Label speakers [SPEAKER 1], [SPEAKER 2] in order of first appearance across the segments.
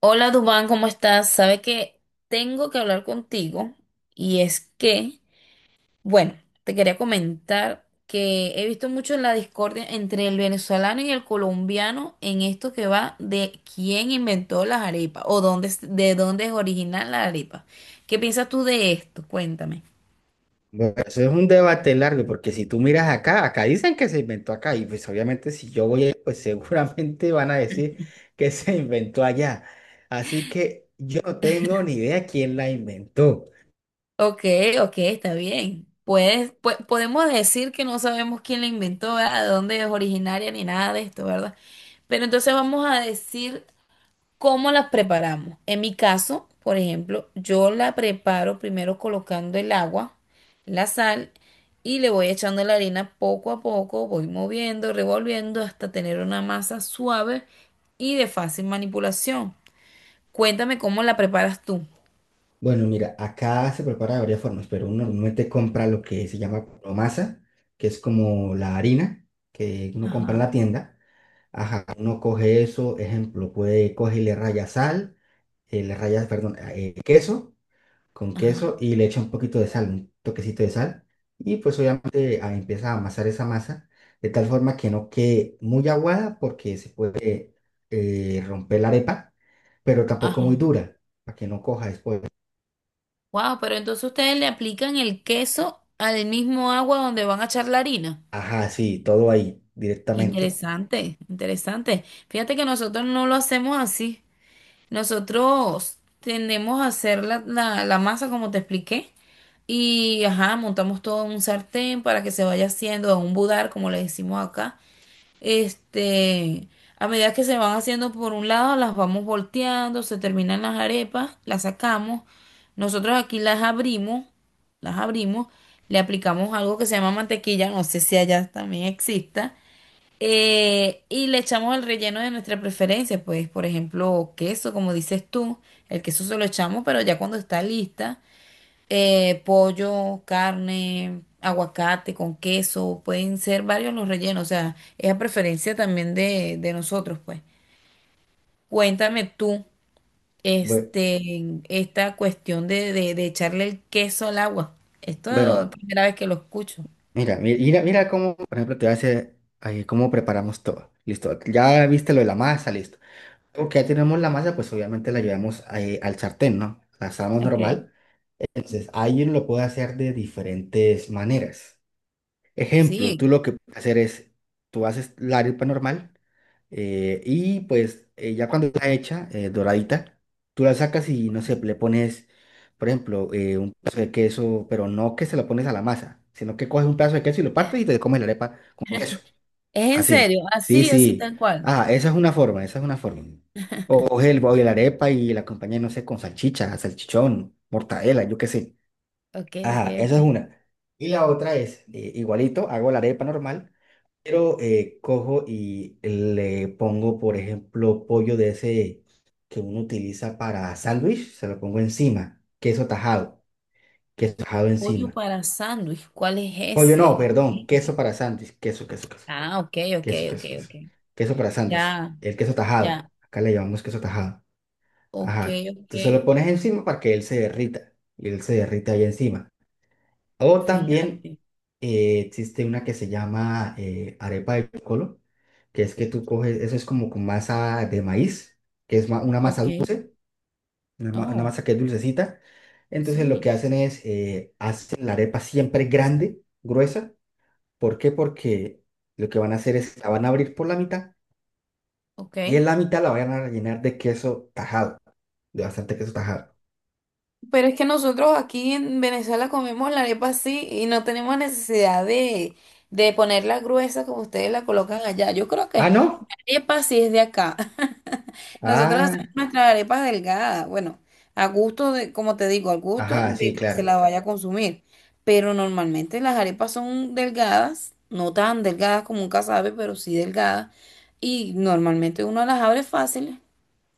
[SPEAKER 1] Hola Dubán, ¿cómo estás? Sabe que tengo que hablar contigo y es que, bueno, te quería comentar que he visto mucho la discordia entre el venezolano y el colombiano en esto que va de quién inventó las arepas o dónde, de dónde es original la arepa. ¿Qué piensas tú de esto? Cuéntame.
[SPEAKER 2] Bueno, eso es un debate largo, porque si tú miras acá, acá dicen que se inventó acá, y pues obviamente si yo voy, ahí, pues seguramente van a decir que se inventó allá. Así que yo no tengo ni idea quién la inventó.
[SPEAKER 1] Ok, ok, está bien. Podemos decir que no sabemos quién la inventó, ¿verdad? De dónde es originaria ni nada de esto, ¿verdad? Pero entonces vamos a decir, ¿cómo las preparamos? En mi caso, por ejemplo, yo la preparo primero colocando el agua, la sal y le voy echando la harina poco a poco, voy moviendo, revolviendo hasta tener una masa suave y de fácil manipulación. Cuéntame cómo la preparas tú.
[SPEAKER 2] Bueno, mira, acá se prepara de varias formas, pero uno normalmente compra lo que se llama promasa, que es como la harina que uno compra en
[SPEAKER 1] Ajá,
[SPEAKER 2] la tienda. Ajá, uno coge eso, ejemplo, puede coge y le raya sal, le raya, perdón, queso. Con
[SPEAKER 1] ajá,
[SPEAKER 2] queso y le echa un poquito de sal, un toquecito de sal. Y pues obviamente empieza a amasar esa masa de tal forma que no quede muy aguada porque se puede romper la arepa, pero tampoco muy
[SPEAKER 1] ajá.
[SPEAKER 2] dura para que no coja después.
[SPEAKER 1] Wow, pero entonces ustedes le aplican el queso al mismo agua donde van a echar la harina.
[SPEAKER 2] Ajá, sí, todo ahí directamente.
[SPEAKER 1] Interesante, interesante. Fíjate que nosotros no lo hacemos así. Nosotros tendemos a hacer la masa, como te expliqué, y ajá, montamos todo en un sartén para que se vaya haciendo, a un budar, como le decimos acá. Este, a medida que se van haciendo por un lado, las vamos volteando, se terminan las arepas, las sacamos. Nosotros aquí las abrimos, le aplicamos algo que se llama mantequilla, no sé si allá también exista. Y le echamos el relleno de nuestra preferencia, pues por ejemplo queso, como dices tú, el queso se lo echamos, pero ya cuando está lista, pollo, carne, aguacate con queso, pueden ser varios los rellenos, o sea, es a preferencia también de nosotros, pues. Cuéntame tú,
[SPEAKER 2] Bue-
[SPEAKER 1] esta cuestión de, de echarle el queso al agua. Esto es la
[SPEAKER 2] Bueno,
[SPEAKER 1] primera vez que lo escucho.
[SPEAKER 2] mira, mira, mira cómo, por ejemplo, te voy a hacer ahí cómo preparamos todo. Listo, ya viste lo de la masa, listo. Porque ya tenemos la masa, pues obviamente la llevamos ahí al sartén, ¿no? La asamos
[SPEAKER 1] Ok.
[SPEAKER 2] normal. Entonces, alguien lo puede hacer de diferentes maneras. Ejemplo, tú
[SPEAKER 1] Sí,
[SPEAKER 2] lo que puedes hacer es, tú haces la arepa normal y pues ya cuando está hecha, doradita, tú la sacas y no sé, le pones, por ejemplo, un pedazo de queso, pero no que se lo pones a la masa, sino que coges un pedazo de queso y lo partes y te comes la arepa con queso.
[SPEAKER 1] es en
[SPEAKER 2] Así,
[SPEAKER 1] serio,
[SPEAKER 2] sí,
[SPEAKER 1] así, así
[SPEAKER 2] sí.
[SPEAKER 1] tal cual.
[SPEAKER 2] Ah, esa es una forma, esa es una forma. O coge el, o la arepa y la acompaña, no sé, con salchicha, salchichón, mortadela, yo qué sé.
[SPEAKER 1] Ok, ok,
[SPEAKER 2] Ajá,
[SPEAKER 1] ok.
[SPEAKER 2] esa es una. Y la otra es, igualito, hago la arepa normal, pero cojo y le pongo, por ejemplo, pollo de ese que uno utiliza para sándwich, se lo pongo encima, queso tajado
[SPEAKER 1] Pollo
[SPEAKER 2] encima.
[SPEAKER 1] para sándwich, ¿cuál es
[SPEAKER 2] Pollo no,
[SPEAKER 1] ese?
[SPEAKER 2] perdón, queso para sándwich, queso, queso, queso,
[SPEAKER 1] Ah, ok, ok,
[SPEAKER 2] queso,
[SPEAKER 1] ok,
[SPEAKER 2] queso,
[SPEAKER 1] ok.
[SPEAKER 2] queso, queso para sándwich,
[SPEAKER 1] Ya,
[SPEAKER 2] el queso tajado,
[SPEAKER 1] ya.
[SPEAKER 2] acá le llamamos queso tajado.
[SPEAKER 1] Ok,
[SPEAKER 2] Ajá,
[SPEAKER 1] ok.
[SPEAKER 2] entonces lo pones encima para que él se derrita, y él se derrita ahí encima. O también
[SPEAKER 1] Fíjate.
[SPEAKER 2] existe una que se llama arepa de colo, que es que tú coges, eso es como con masa de maíz, una masa
[SPEAKER 1] Ok.
[SPEAKER 2] dulce, una
[SPEAKER 1] Oh,
[SPEAKER 2] masa que es dulcecita. Entonces lo
[SPEAKER 1] sí.
[SPEAKER 2] que hacen es, hacen la arepa siempre grande, gruesa. ¿Por qué? Porque lo que van a hacer es, la van a abrir por la mitad
[SPEAKER 1] Ok.
[SPEAKER 2] y en la mitad la van a rellenar de queso tajado, de bastante queso tajado.
[SPEAKER 1] Pero es que nosotros aquí en Venezuela comemos la arepa así y no tenemos necesidad de ponerla gruesa como ustedes la colocan allá. Yo creo
[SPEAKER 2] Ah,
[SPEAKER 1] que
[SPEAKER 2] ¿no?
[SPEAKER 1] arepa sí es de acá. Nosotros
[SPEAKER 2] Ah,
[SPEAKER 1] hacemos nuestras arepas delgadas. Bueno, a gusto de, como te digo, al gusto
[SPEAKER 2] ajá,
[SPEAKER 1] de
[SPEAKER 2] sí,
[SPEAKER 1] que se
[SPEAKER 2] claro.
[SPEAKER 1] la vaya a consumir. Pero normalmente las arepas son delgadas, no tan delgadas como un casabe, pero sí delgadas. Y normalmente uno las abre fáciles.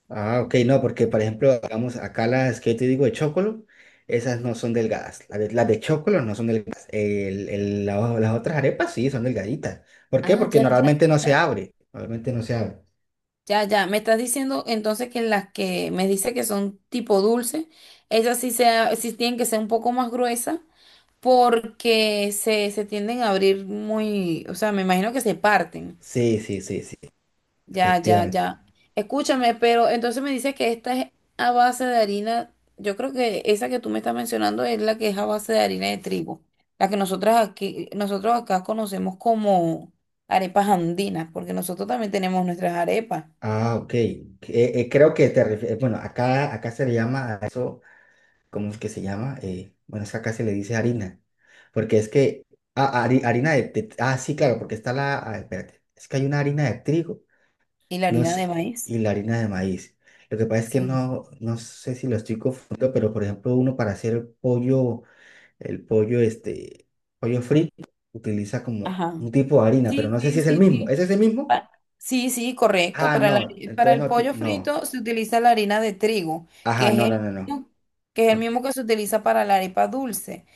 [SPEAKER 2] Ah, ok, no, porque por ejemplo, digamos, acá las que yo te digo de chocolo, esas no son delgadas. Las de chocolo no son delgadas. El- la Las otras arepas sí son delgaditas. ¿Por qué?
[SPEAKER 1] Ah,
[SPEAKER 2] Porque
[SPEAKER 1] ya, ya,
[SPEAKER 2] normalmente no se
[SPEAKER 1] ya.
[SPEAKER 2] abre. Normalmente no se abre.
[SPEAKER 1] Ya, ya. Me estás diciendo entonces que las que me dice que son tipo dulce, esas sí, sí tienen que ser un poco más gruesas porque se tienden a abrir muy, o sea, me imagino que se parten.
[SPEAKER 2] Sí, sí, sí, sí,
[SPEAKER 1] Ya, ya,
[SPEAKER 2] efectivamente.
[SPEAKER 1] ya. Escúchame, pero entonces me dice que esta es a base de harina. Yo creo que esa que tú me estás mencionando es la que es a base de harina de trigo, la que nosotras aquí, nosotros acá conocemos como arepas andinas, porque nosotros también tenemos nuestras arepas
[SPEAKER 2] Ah, ok. Creo que te refieres, bueno, acá, acá se le llama a eso, ¿cómo es que se llama? Bueno, es que acá se le dice harina. Porque es que, harina de, ah, sí, claro, porque está la, ah, espérate, es que hay una harina de trigo.
[SPEAKER 1] y la
[SPEAKER 2] No
[SPEAKER 1] harina de
[SPEAKER 2] sé,
[SPEAKER 1] maíz.
[SPEAKER 2] y la harina de maíz. Lo que pasa es que
[SPEAKER 1] Sí.
[SPEAKER 2] no, no sé si lo estoy confundiendo, pero por ejemplo, uno para hacer el pollo, este, pollo frito, utiliza como
[SPEAKER 1] Ajá.
[SPEAKER 2] un tipo de harina, pero
[SPEAKER 1] Sí,
[SPEAKER 2] no sé si
[SPEAKER 1] sí,
[SPEAKER 2] es el
[SPEAKER 1] sí,
[SPEAKER 2] mismo.
[SPEAKER 1] sí.
[SPEAKER 2] ¿Es ese mismo?
[SPEAKER 1] Pa- Sí, sí, correcto.
[SPEAKER 2] Ah,
[SPEAKER 1] Para la-
[SPEAKER 2] no,
[SPEAKER 1] para
[SPEAKER 2] entonces
[SPEAKER 1] el
[SPEAKER 2] no,
[SPEAKER 1] pollo
[SPEAKER 2] no.
[SPEAKER 1] frito se utiliza la harina de trigo, que
[SPEAKER 2] Ajá, no,
[SPEAKER 1] es
[SPEAKER 2] no,
[SPEAKER 1] el
[SPEAKER 2] no, no.
[SPEAKER 1] mismo, que es el mismo que se utiliza para la arepa dulce.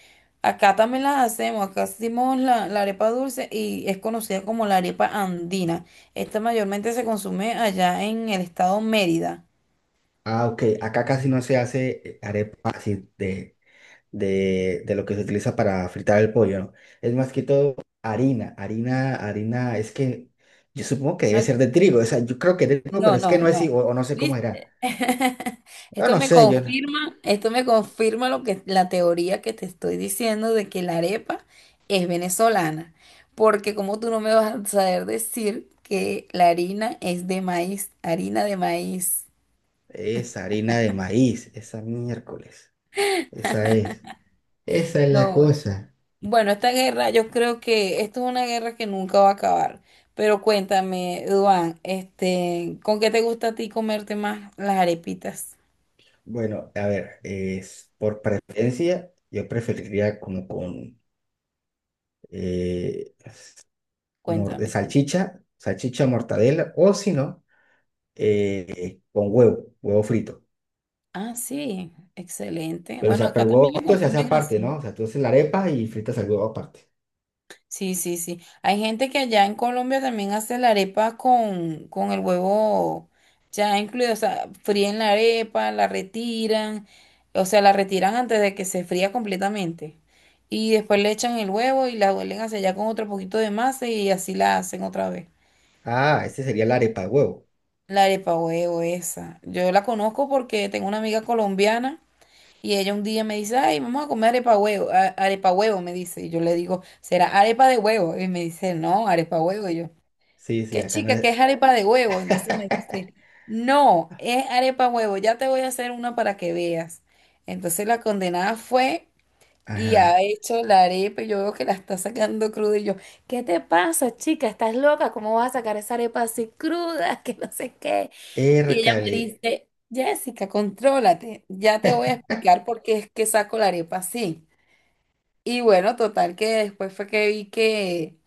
[SPEAKER 1] Acá también la hacemos, acá hacemos la arepa dulce y es conocida como la arepa andina. Esta mayormente se consume allá en el estado Mérida.
[SPEAKER 2] Ah, ok, acá casi no se hace arepa así de lo que se utiliza para fritar el pollo, ¿no? Es más que todo harina, es que yo supongo que debe ser de trigo, o sea, yo creo que de trigo, pero
[SPEAKER 1] No,
[SPEAKER 2] es que
[SPEAKER 1] no,
[SPEAKER 2] no es,
[SPEAKER 1] no.
[SPEAKER 2] o no sé cómo era.
[SPEAKER 1] ¿Viste?
[SPEAKER 2] Yo
[SPEAKER 1] Esto
[SPEAKER 2] no
[SPEAKER 1] me
[SPEAKER 2] sé, yo no-
[SPEAKER 1] confirma, esto me confirma lo que la teoría que te estoy diciendo de que la arepa es venezolana, porque como tú no me vas a saber decir que la harina es de maíz, harina de maíz.
[SPEAKER 2] es harina de maíz, esa miércoles, esa es, esa es la
[SPEAKER 1] No, bueno,
[SPEAKER 2] cosa.
[SPEAKER 1] Bueno, esta guerra, yo creo que esto es una guerra que nunca va a acabar. Pero cuéntame, Duan, ¿con qué te gusta a ti comerte más las arepitas?
[SPEAKER 2] Bueno, a ver, es por preferencia, yo preferiría como con eh, de
[SPEAKER 1] Cuéntame, cuéntame.
[SPEAKER 2] salchicha, salchicha mortadela, o si no, con huevo, huevo frito.
[SPEAKER 1] Ah, sí, excelente.
[SPEAKER 2] Pero, o
[SPEAKER 1] Bueno,
[SPEAKER 2] sea, pero
[SPEAKER 1] acá
[SPEAKER 2] el huevo
[SPEAKER 1] también lo
[SPEAKER 2] frito se hace
[SPEAKER 1] consumen
[SPEAKER 2] aparte,
[SPEAKER 1] así.
[SPEAKER 2] ¿no? O sea, tú haces la arepa y fritas el huevo aparte.
[SPEAKER 1] Sí, sí, sí. Hay gente que allá en Colombia también hace la arepa con el huevo ya incluido. O sea, fríen la arepa, la retiran. O sea, la retiran antes de que se fría completamente. Y después le echan el huevo y la vuelven hacia allá con otro poquito de masa y así la hacen otra vez.
[SPEAKER 2] Ah, este sería la arepa de huevo.
[SPEAKER 1] La arepa huevo esa. Yo la conozco porque tengo una amiga colombiana. Y ella un día me dice, ay, vamos a comer arepa huevo, arepa huevo, me dice. Y yo le digo, ¿será arepa de huevo? Y me dice, no, arepa huevo. Y yo,
[SPEAKER 2] Sí, sí,
[SPEAKER 1] ¿qué
[SPEAKER 2] acá no
[SPEAKER 1] chica, qué
[SPEAKER 2] es.
[SPEAKER 1] es arepa de huevo? Entonces me dice, no, es arepa huevo, ya te voy a hacer una para que veas. Entonces la condenada fue y
[SPEAKER 2] Ajá.
[SPEAKER 1] ha hecho la arepa y yo veo que la está sacando cruda. Y yo, ¿qué te pasa, chica? ¿Estás loca? ¿Cómo vas a sacar esa arepa así cruda? Que no sé qué. Y ella
[SPEAKER 2] Ércale.
[SPEAKER 1] me dice, Jessica, contrólate, ya te voy a explicar por qué es que saco la arepa así. Y bueno, total que después fue que vi que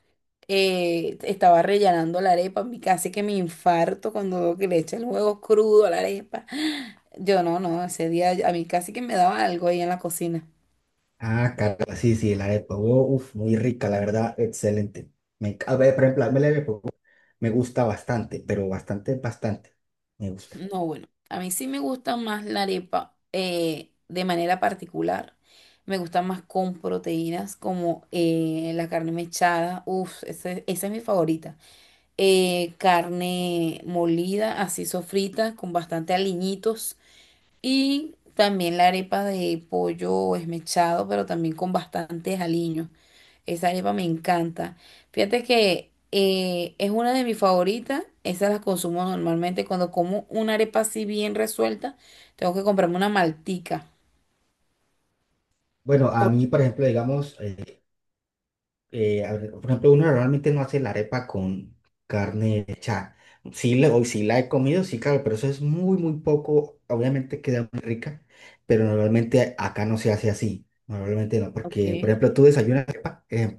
[SPEAKER 1] estaba rellenando la arepa, casi que me infarto cuando veo que le echa el huevo crudo a la arepa. Yo no, no, ese día a mí casi que me daba algo ahí en la cocina.
[SPEAKER 2] Ah, caramba, sí, sí, la arepa de huevo. Uf, muy rica, la verdad, excelente. A ver, por ejemplo, a mí la arepa de huevo me gusta bastante, pero bastante, bastante. Me gusta.
[SPEAKER 1] No, bueno, a mí sí me gusta más la arepa de manera particular. Me gusta más con proteínas como la carne mechada. Uf, esa es mi favorita. Carne molida, así sofrita, con bastante aliñitos. Y también la arepa de pollo esmechado, pero también con bastantes aliños. Esa arepa me encanta. Fíjate que es una de mis favoritas. Esas las consumo normalmente cuando como una arepa así bien resuelta. Tengo que comprarme una maltica.
[SPEAKER 2] Bueno, a
[SPEAKER 1] Porque,
[SPEAKER 2] mí, por ejemplo, digamos. A ver, por ejemplo, uno normalmente no hace la arepa con carne hecha. Sí, le, hoy sí la he comido, sí, claro, pero eso es muy, muy poco. Obviamente queda muy rica, pero normalmente acá no se hace así. Normalmente no, porque, por
[SPEAKER 1] ok,
[SPEAKER 2] ejemplo, tú desayunas arepa, eh,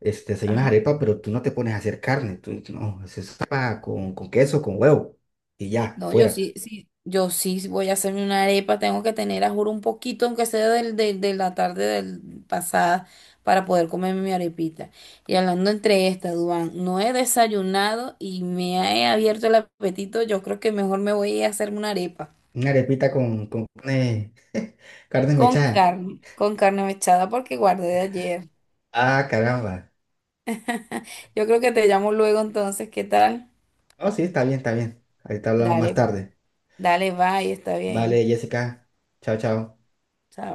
[SPEAKER 2] este, desayunas
[SPEAKER 1] ajá.
[SPEAKER 2] arepa, pero tú no te pones a hacer carne. Tú, no, es arepa con queso, con huevo y ya,
[SPEAKER 1] No, yo
[SPEAKER 2] fuera.
[SPEAKER 1] sí, sí, yo sí voy a hacerme una arepa. Tengo que tener, a juro, un poquito, aunque sea del, de la tarde del pasada, para poder comerme mi arepita. Y hablando entre estas, Duan, no he desayunado y me he abierto el apetito. Yo creo que mejor me voy a ir a hacerme una arepa.
[SPEAKER 2] Una arepita con carne, carne mechada.
[SPEAKER 1] Con carne mechada porque guardé de ayer.
[SPEAKER 2] Ah, caramba.
[SPEAKER 1] Yo creo que te llamo luego entonces, ¿qué tal?
[SPEAKER 2] Oh, sí, está bien, está bien. Ahorita hablamos más
[SPEAKER 1] Dale,
[SPEAKER 2] tarde.
[SPEAKER 1] dale, bye, está bien.
[SPEAKER 2] Vale, Jessica. Chao, chao.
[SPEAKER 1] Chao.